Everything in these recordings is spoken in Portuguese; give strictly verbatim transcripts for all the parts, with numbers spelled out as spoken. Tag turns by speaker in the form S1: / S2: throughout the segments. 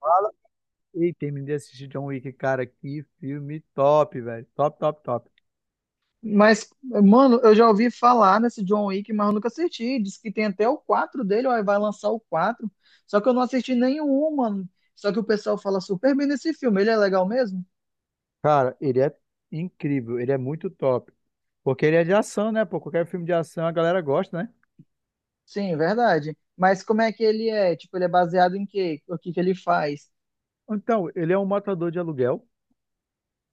S1: Fala. Ei, terminei de assistir John Wick, cara. Que filme top, velho. Top, top, top.
S2: Mas, mano, eu já ouvi falar nesse John Wick, mas eu nunca assisti. Diz que tem até o quatro dele, ó, vai lançar o quatro. Só que eu não assisti nenhum, mano. Só que o pessoal fala super bem desse filme. Ele é legal mesmo?
S1: Cara, ele é incrível. Ele é muito top. Porque ele é de ação, né? Pô, qualquer filme de ação a galera gosta, né?
S2: Sim, verdade. Mas como é que ele é? Tipo, ele é baseado em quê? O que que ele faz?
S1: Então, ele é um matador de aluguel.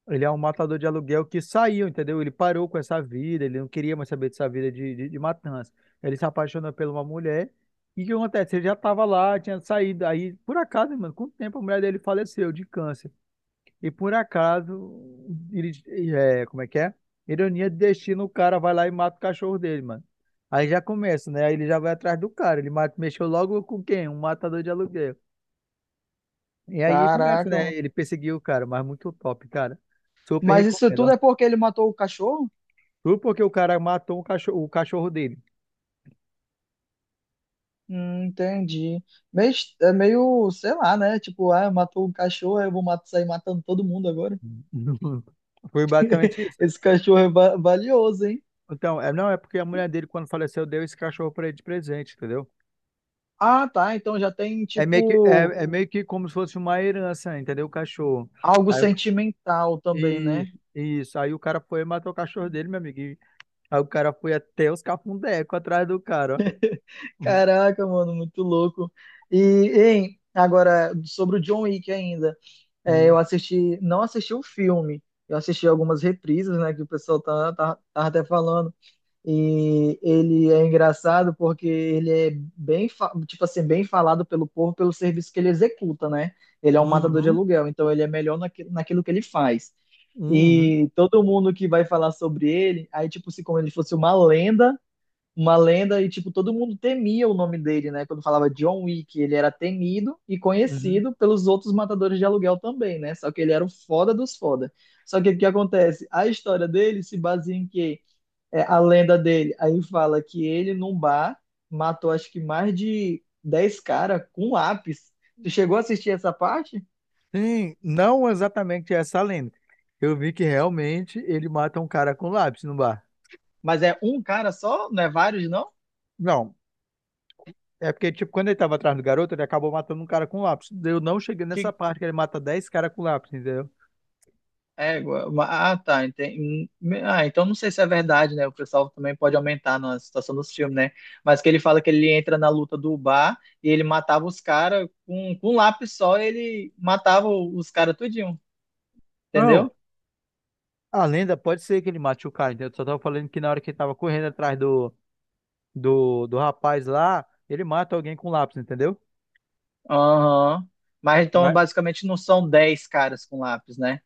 S1: Ele é um matador de aluguel que saiu, entendeu? Ele parou com essa vida. Ele não queria mais saber dessa vida de, de, de matança. Ele se apaixonou por uma mulher. E o que acontece? Ele já estava lá, tinha saído. Aí, por acaso, mano, com o tempo a mulher dele faleceu de câncer. E por acaso, ele, é, como é que é? Ironia de destino, o cara vai lá e mata o cachorro dele, mano. Aí já começa, né? Aí ele já vai atrás do cara. Ele mata, mexeu logo com quem? Um matador de aluguel. E aí começa, né?
S2: Caraca.
S1: Ele perseguiu o cara, mas muito top, cara. Super
S2: Mas isso
S1: recomendo,
S2: tudo
S1: ó.
S2: é porque ele matou o cachorro?
S1: Tudo porque o cara matou o cachorro, o cachorro dele.
S2: Hum, entendi. Meio, est- é meio, sei lá, né? Tipo, ah, matou o cachorro, eu vou mat- sair matando todo mundo agora.
S1: Foi basicamente isso.
S2: Esse cachorro é va- valioso, hein?
S1: Então, é, não, é porque a mulher dele, quando faleceu, deu esse cachorro pra ele de presente, entendeu?
S2: Ah, tá. Então já tem,
S1: É meio que,
S2: tipo,
S1: é, é meio que como se fosse uma herança, entendeu? O cachorro.
S2: algo sentimental também,
S1: E
S2: né?
S1: isso, aí o cara foi e matou o cachorro dele, meu amigo. E aí o cara foi até os cafundecos atrás do cara, ó.
S2: Caraca, mano, muito louco. E, hein, agora, sobre o John Wick ainda. É, eu
S1: Uhum,
S2: assisti, não assisti o filme, eu assisti algumas reprises, né, que o pessoal tá, tá, tá até falando. E ele é engraçado porque ele é bem, fa- tipo assim, bem falado pelo povo pelo serviço que ele executa, né? Ele é um matador de
S1: uhum,
S2: aluguel, então ele é melhor naque- naquilo que ele faz.
S1: uhum,
S2: E todo mundo que vai falar sobre ele, aí tipo se como ele fosse uma lenda, uma lenda e tipo todo mundo temia o nome dele, né? Quando falava John Wick, ele era temido e
S1: uhum.
S2: conhecido pelos outros matadores de aluguel também, né? Só que ele era o foda dos foda. Só que o que acontece? A história dele se baseia em quê? É, a lenda dele. Aí fala que ele, num bar, matou acho que mais de dez caras com um lápis. Tu chegou a assistir essa parte?
S1: Sim, não exatamente essa lenda. Eu vi que realmente ele mata um cara com lápis no bar.
S2: Mas é um cara só? Não é vários, não?
S1: Não, é porque, tipo, quando ele tava atrás do garoto, ele acabou matando um cara com lápis. Eu não cheguei nessa
S2: Que
S1: parte que ele mata dez caras com lápis, entendeu?
S2: égua. Ah, tá. Entendi. Ah, então não sei se é verdade, né? O pessoal também pode aumentar na situação dos filmes, né? Mas que ele fala que ele entra na luta do bar e ele matava os caras com, com um lápis só, ele matava os caras tudinho,
S1: Não,
S2: entendeu?
S1: a lenda pode ser que ele mate o cara, entendeu? Só tava falando que na hora que ele tava correndo atrás do do, do rapaz lá, ele mata alguém com lápis, entendeu?
S2: Aham. Mas então
S1: Mas,
S2: basicamente não são dez caras com lápis, né?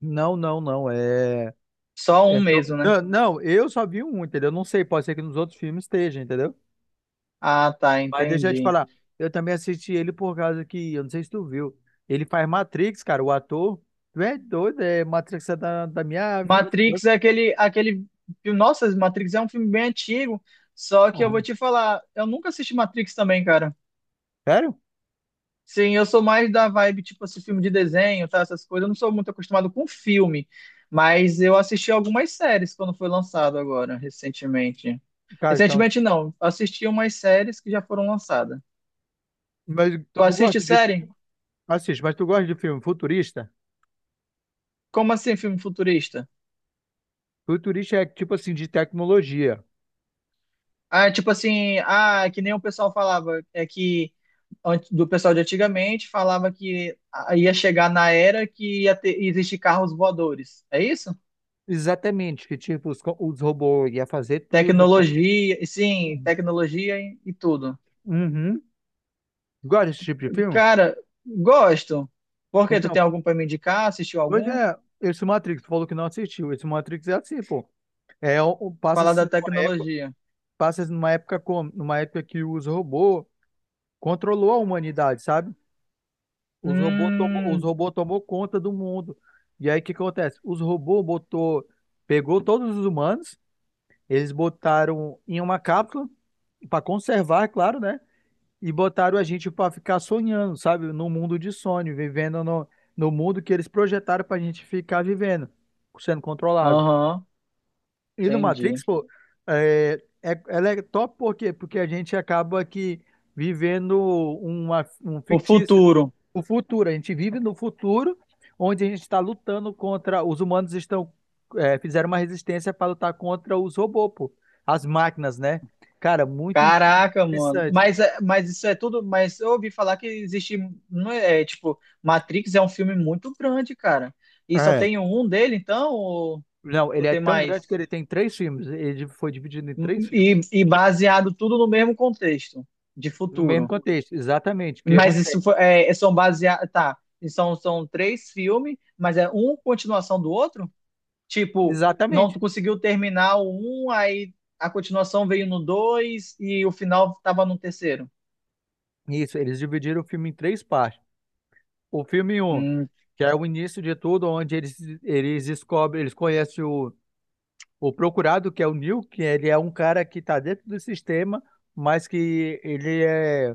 S1: não, não, não, é,
S2: Só um
S1: é só-
S2: mesmo, né?
S1: não, não, eu só vi um, entendeu? Não sei, pode ser que nos outros filmes esteja, entendeu?
S2: Ah, tá,
S1: Mas deixa eu te
S2: entendi.
S1: falar, eu também assisti ele por causa que, eu não sei se tu viu, ele faz Matrix, cara, o ator, tu é doido, é Matrix é da, da minha vida.
S2: Matrix é aquele, aquele. filme- Nossa, Matrix é um filme bem antigo. Só que eu vou
S1: Uhum.
S2: te falar, eu nunca assisti Matrix também, cara.
S1: Sério?
S2: Sim, eu sou mais da vibe, tipo, esse filme de desenho, tá? Essas coisas. Eu não sou muito acostumado com filme. Mas eu assisti algumas séries quando foi lançado agora, recentemente.
S1: Cara, então,
S2: Recentemente não, assisti umas séries que já foram lançadas.
S1: mas
S2: Tu
S1: tu
S2: assiste
S1: gosta de,
S2: série?
S1: assiste, mas tu gosta de filme futurista?
S2: Como assim, filme futurista?
S1: Futurista é tipo assim, de tecnologia.
S2: Ah, tipo assim, ah, que nem o pessoal falava, é que antes- do pessoal de antigamente falava que a- ia chegar na era que ia ter, ia existir carros voadores. É isso?
S1: Exatamente, que tipo, os, co- os robôs iam fazer tudo pra gente.
S2: Tecnologia, sim, tecnologia e, e tudo.
S1: Uhum. Gosta desse tipo de filme?
S2: Cara, gosto. Por quê? Tu
S1: Então,
S2: tem algum para me indicar? Assistiu
S1: pois
S2: algum?
S1: é, esse Matrix, tu falou que não assistiu. Esse Matrix é assim, pô. É, o- o-
S2: Falar
S1: passa-se
S2: da
S1: numa época,
S2: tecnologia.
S1: passa-se numa época como? Numa época que os robôs controlou a humanidade, sabe? Os robôs tomou, os
S2: Hum,
S1: robôs tomou conta do mundo. E aí o que acontece? Os robôs botou, pegou todos os humanos, eles botaram em uma cápsula para conservar, é claro, né? E botaram a gente para ficar sonhando, sabe? No mundo de sonho, vivendo no, no mundo que eles projetaram para a gente ficar vivendo, sendo controlado.
S2: aham,
S1: E no
S2: entendi.
S1: Matrix, pô, é, é, ela é top por quê? Porque a gente acaba aqui vivendo uma, um
S2: O
S1: fictício,
S2: futuro.
S1: o futuro. A gente vive no futuro, onde a gente está lutando contra. Os humanos estão é, fizeram uma resistência para lutar contra os robôs, pô, as máquinas, né? Cara, muito
S2: Caraca, mano.
S1: interessante.
S2: Mas, é- mas isso é tudo. Mas eu ouvi falar que existe. Não é, é, tipo, Matrix é um filme muito grande, cara. E só
S1: É,
S2: tem um dele, então? Ou,
S1: não,
S2: ou
S1: ele é
S2: tem
S1: tão grande que
S2: mais?
S1: ele tem três filmes. Ele foi dividido em três
S2: E,
S1: filmes.
S2: e baseado tudo no mesmo contexto de
S1: No mesmo
S2: futuro.
S1: contexto, exatamente. O que
S2: Mas isso
S1: acontece?
S2: foi, é, é, são baseados. Tá. E São, são três filmes, mas é um continuação do outro? Tipo, não
S1: Exatamente.
S2: conseguiu terminar o um, aí a continuação veio no dois e o final tava no terceiro.
S1: Isso, eles dividiram o filme em três partes. O filme um,
S2: Hum,
S1: que é o início de tudo, onde eles, eles descobrem, eles conhecem o, o procurado, que é o Neil, que ele é um cara que está dentro do sistema, mas que ele é,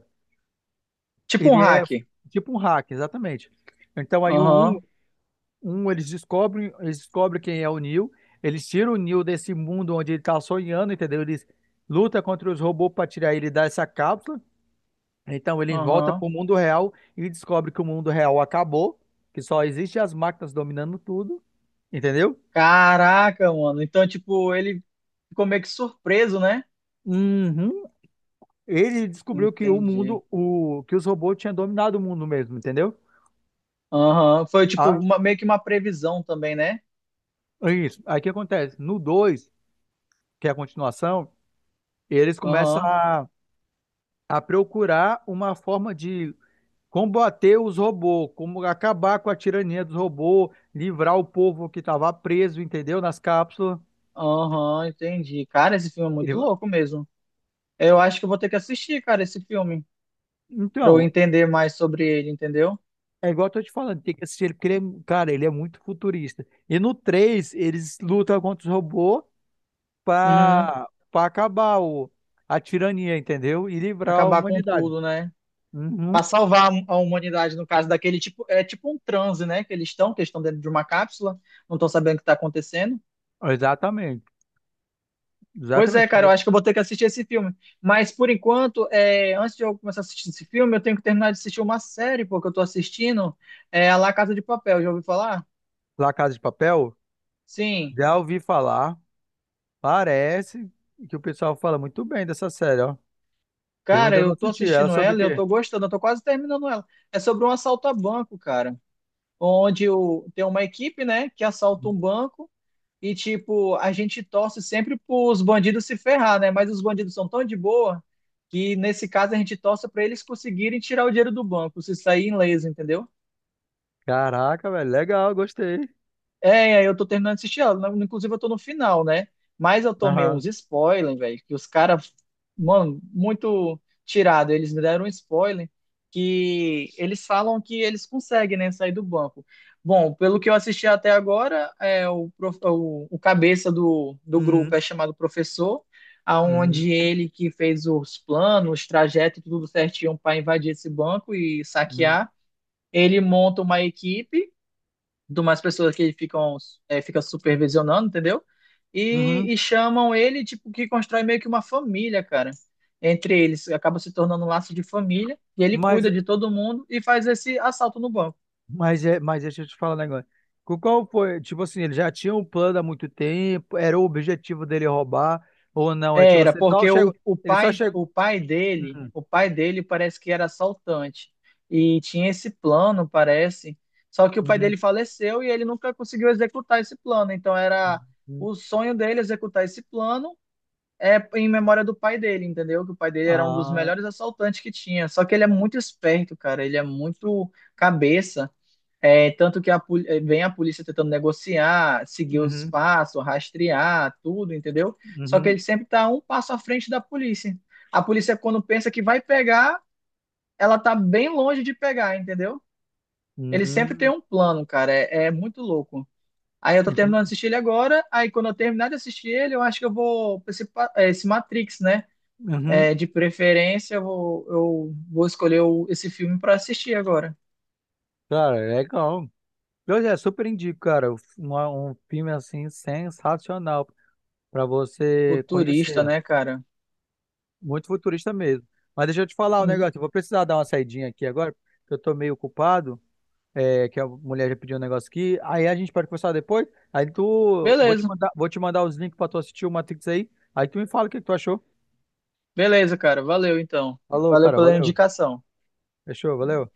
S2: tipo um
S1: ele é
S2: hack.
S1: tipo um hack, exatamente. Então aí o 1
S2: Aham,
S1: Um, eles descobrem, eles descobrem quem é o Neo. Eles tiram o Neo desse mundo onde ele tá sonhando, entendeu? Eles lutam contra os robôs para tirar ele dessa cápsula. Então ele volta
S2: aham.
S1: pro mundo real e descobre que o mundo real acabou, que só existe as máquinas dominando tudo, entendeu?
S2: Caraca, mano. Então, tipo, ele ficou meio que surpreso, né?
S1: Uhum. Ele descobriu que o
S2: Entendi.
S1: mundo, o, que os robôs tinham dominado o mundo mesmo, entendeu?
S2: Aham. Foi, tipo,
S1: Ah,
S2: uma- meio que uma previsão também, né?
S1: isso. Aí o que acontece? No dois que é a continuação, eles começam
S2: Aham,
S1: a, a procurar uma forma de combater os robôs, como acabar com a tirania dos robôs, livrar o povo que estava preso, entendeu? Nas cápsulas.
S2: aham, entendi. Cara, esse filme é
S1: Ele
S2: muito
S1: va-
S2: louco mesmo. Eu acho que eu vou ter que assistir, cara, esse filme, pra eu
S1: Então,
S2: entender mais sobre ele, entendeu?
S1: é igual eu tô te falando, tem que assistir ele, porque ele é, cara, ele é muito futurista. E no três eles lutam contra os robôs
S2: Uhum.
S1: para para acabar o, a tirania, entendeu? E livrar a
S2: Acabar com
S1: humanidade.
S2: tudo, né? Pra
S1: Uhum,
S2: salvar a humanidade, no caso daquele tipo, é tipo um transe, né? Que eles estão, que eles estão dentro de uma cápsula, não estão sabendo o que tá acontecendo.
S1: exatamente.
S2: Pois é,
S1: Exatamente.
S2: cara, eu
S1: Falou
S2: acho que eu vou ter que assistir esse filme. Mas por enquanto, é, antes de eu começar a assistir esse filme, eu tenho que terminar de assistir uma série, porque eu tô assistindo é, a La Casa de Papel, já ouviu falar?
S1: La Casa de Papel,
S2: Sim.
S1: já ouvi falar, parece que o pessoal fala muito bem dessa série, ó. Eu
S2: Cara,
S1: ainda não
S2: eu tô
S1: assisti. Ela
S2: assistindo
S1: sobre o
S2: ela, e eu
S1: quê?
S2: tô gostando, eu tô quase terminando ela. É sobre um assalto a banco, cara, onde o, tem uma equipe, né, que assalta um banco e tipo, a gente torce sempre pros bandidos se ferrar, né? Mas os bandidos são tão de boa que nesse caso a gente torce pra eles conseguirem tirar o dinheiro do banco, se sair em leso, entendeu?
S1: Caraca, velho, legal, gostei.
S2: É, aí eu tô terminando de assistir ela. né? Inclusive, eu tô no final, né? Mas eu tomei
S1: Aham.
S2: uns spoilers, velho, que os caras, mano, muito tirado. Eles me deram um spoiler que eles falam que eles conseguem, né, sair do banco. Bom, pelo que eu assisti até agora, é, o, prof- o, o cabeça do, do grupo
S1: Uhum.
S2: é chamado professor,
S1: Uhum.
S2: aonde ele que fez os planos, os trajetos, tudo certinho para invadir esse banco e
S1: Uhum.
S2: saquear. Ele monta uma equipe de umas pessoas que ficam é, fica supervisionando, entendeu?
S1: Uhum.
S2: E, e chamam ele, tipo, que constrói meio que uma família, cara. Entre eles, acaba se tornando um laço de família, e ele
S1: Mas,
S2: cuida de todo mundo e faz esse assalto no banco.
S1: mas, é, mas deixa eu te falar um negócio. Co- Qual foi? Tipo assim, ele já tinha um plano há muito tempo, era o objetivo dele roubar, ou não? É tipo
S2: Era,
S1: assim, só
S2: porque
S1: chegou,
S2: o, o
S1: ele só
S2: pai,
S1: chegou.
S2: o pai dele,
S1: Uhum.
S2: o pai dele parece que era assaltante. E tinha esse plano, parece. Só que o pai
S1: Uhum.
S2: dele faleceu e ele nunca conseguiu executar esse plano. Então era
S1: Uhum.
S2: o sonho dele executar esse plano é em memória do pai dele, entendeu? Que o pai dele era um dos
S1: Ah,
S2: melhores assaltantes que tinha. Só que ele é muito esperto, cara. Ele é muito cabeça. É, tanto que a poli- eh, vem a polícia tentando negociar, seguir os
S1: uhum.
S2: passos, rastrear, tudo, entendeu? Só que
S1: Uhum.
S2: ele sempre tá um passo à frente da polícia. A polícia, quando pensa que vai pegar, ela tá bem longe de pegar, entendeu? Ele sempre tem
S1: Uhum.
S2: um plano, cara. É, é muito louco. Aí eu tô terminando de
S1: Entendi.
S2: assistir ele agora. Aí quando eu terminar de assistir ele, eu acho que eu vou pra esse, pa- eh, esse Matrix, né?
S1: Uhum.
S2: É, de preferência, eu vou, eu vou escolher o- esse filme para assistir agora.
S1: Cara, é legal. Eu já super indico, cara, um, um filme assim sensacional. Para
S2: O
S1: você
S2: Turista,
S1: conhecer.
S2: né, cara?
S1: Muito futurista mesmo. Mas deixa eu te falar um
S2: Hum,
S1: negócio. Eu vou precisar dar uma saidinha aqui agora, porque eu tô meio ocupado. É, que a mulher já pediu um negócio aqui. Aí a gente pode conversar depois. Aí tu, vou te
S2: Beleza,
S1: mandar, vou te mandar os links para tu assistir o Matrix aí. Aí tu me fala o que que tu achou.
S2: beleza, cara. Valeu, então.
S1: Falou,
S2: Valeu
S1: cara,
S2: pela
S1: valeu.
S2: indicação.
S1: Fechou, valeu.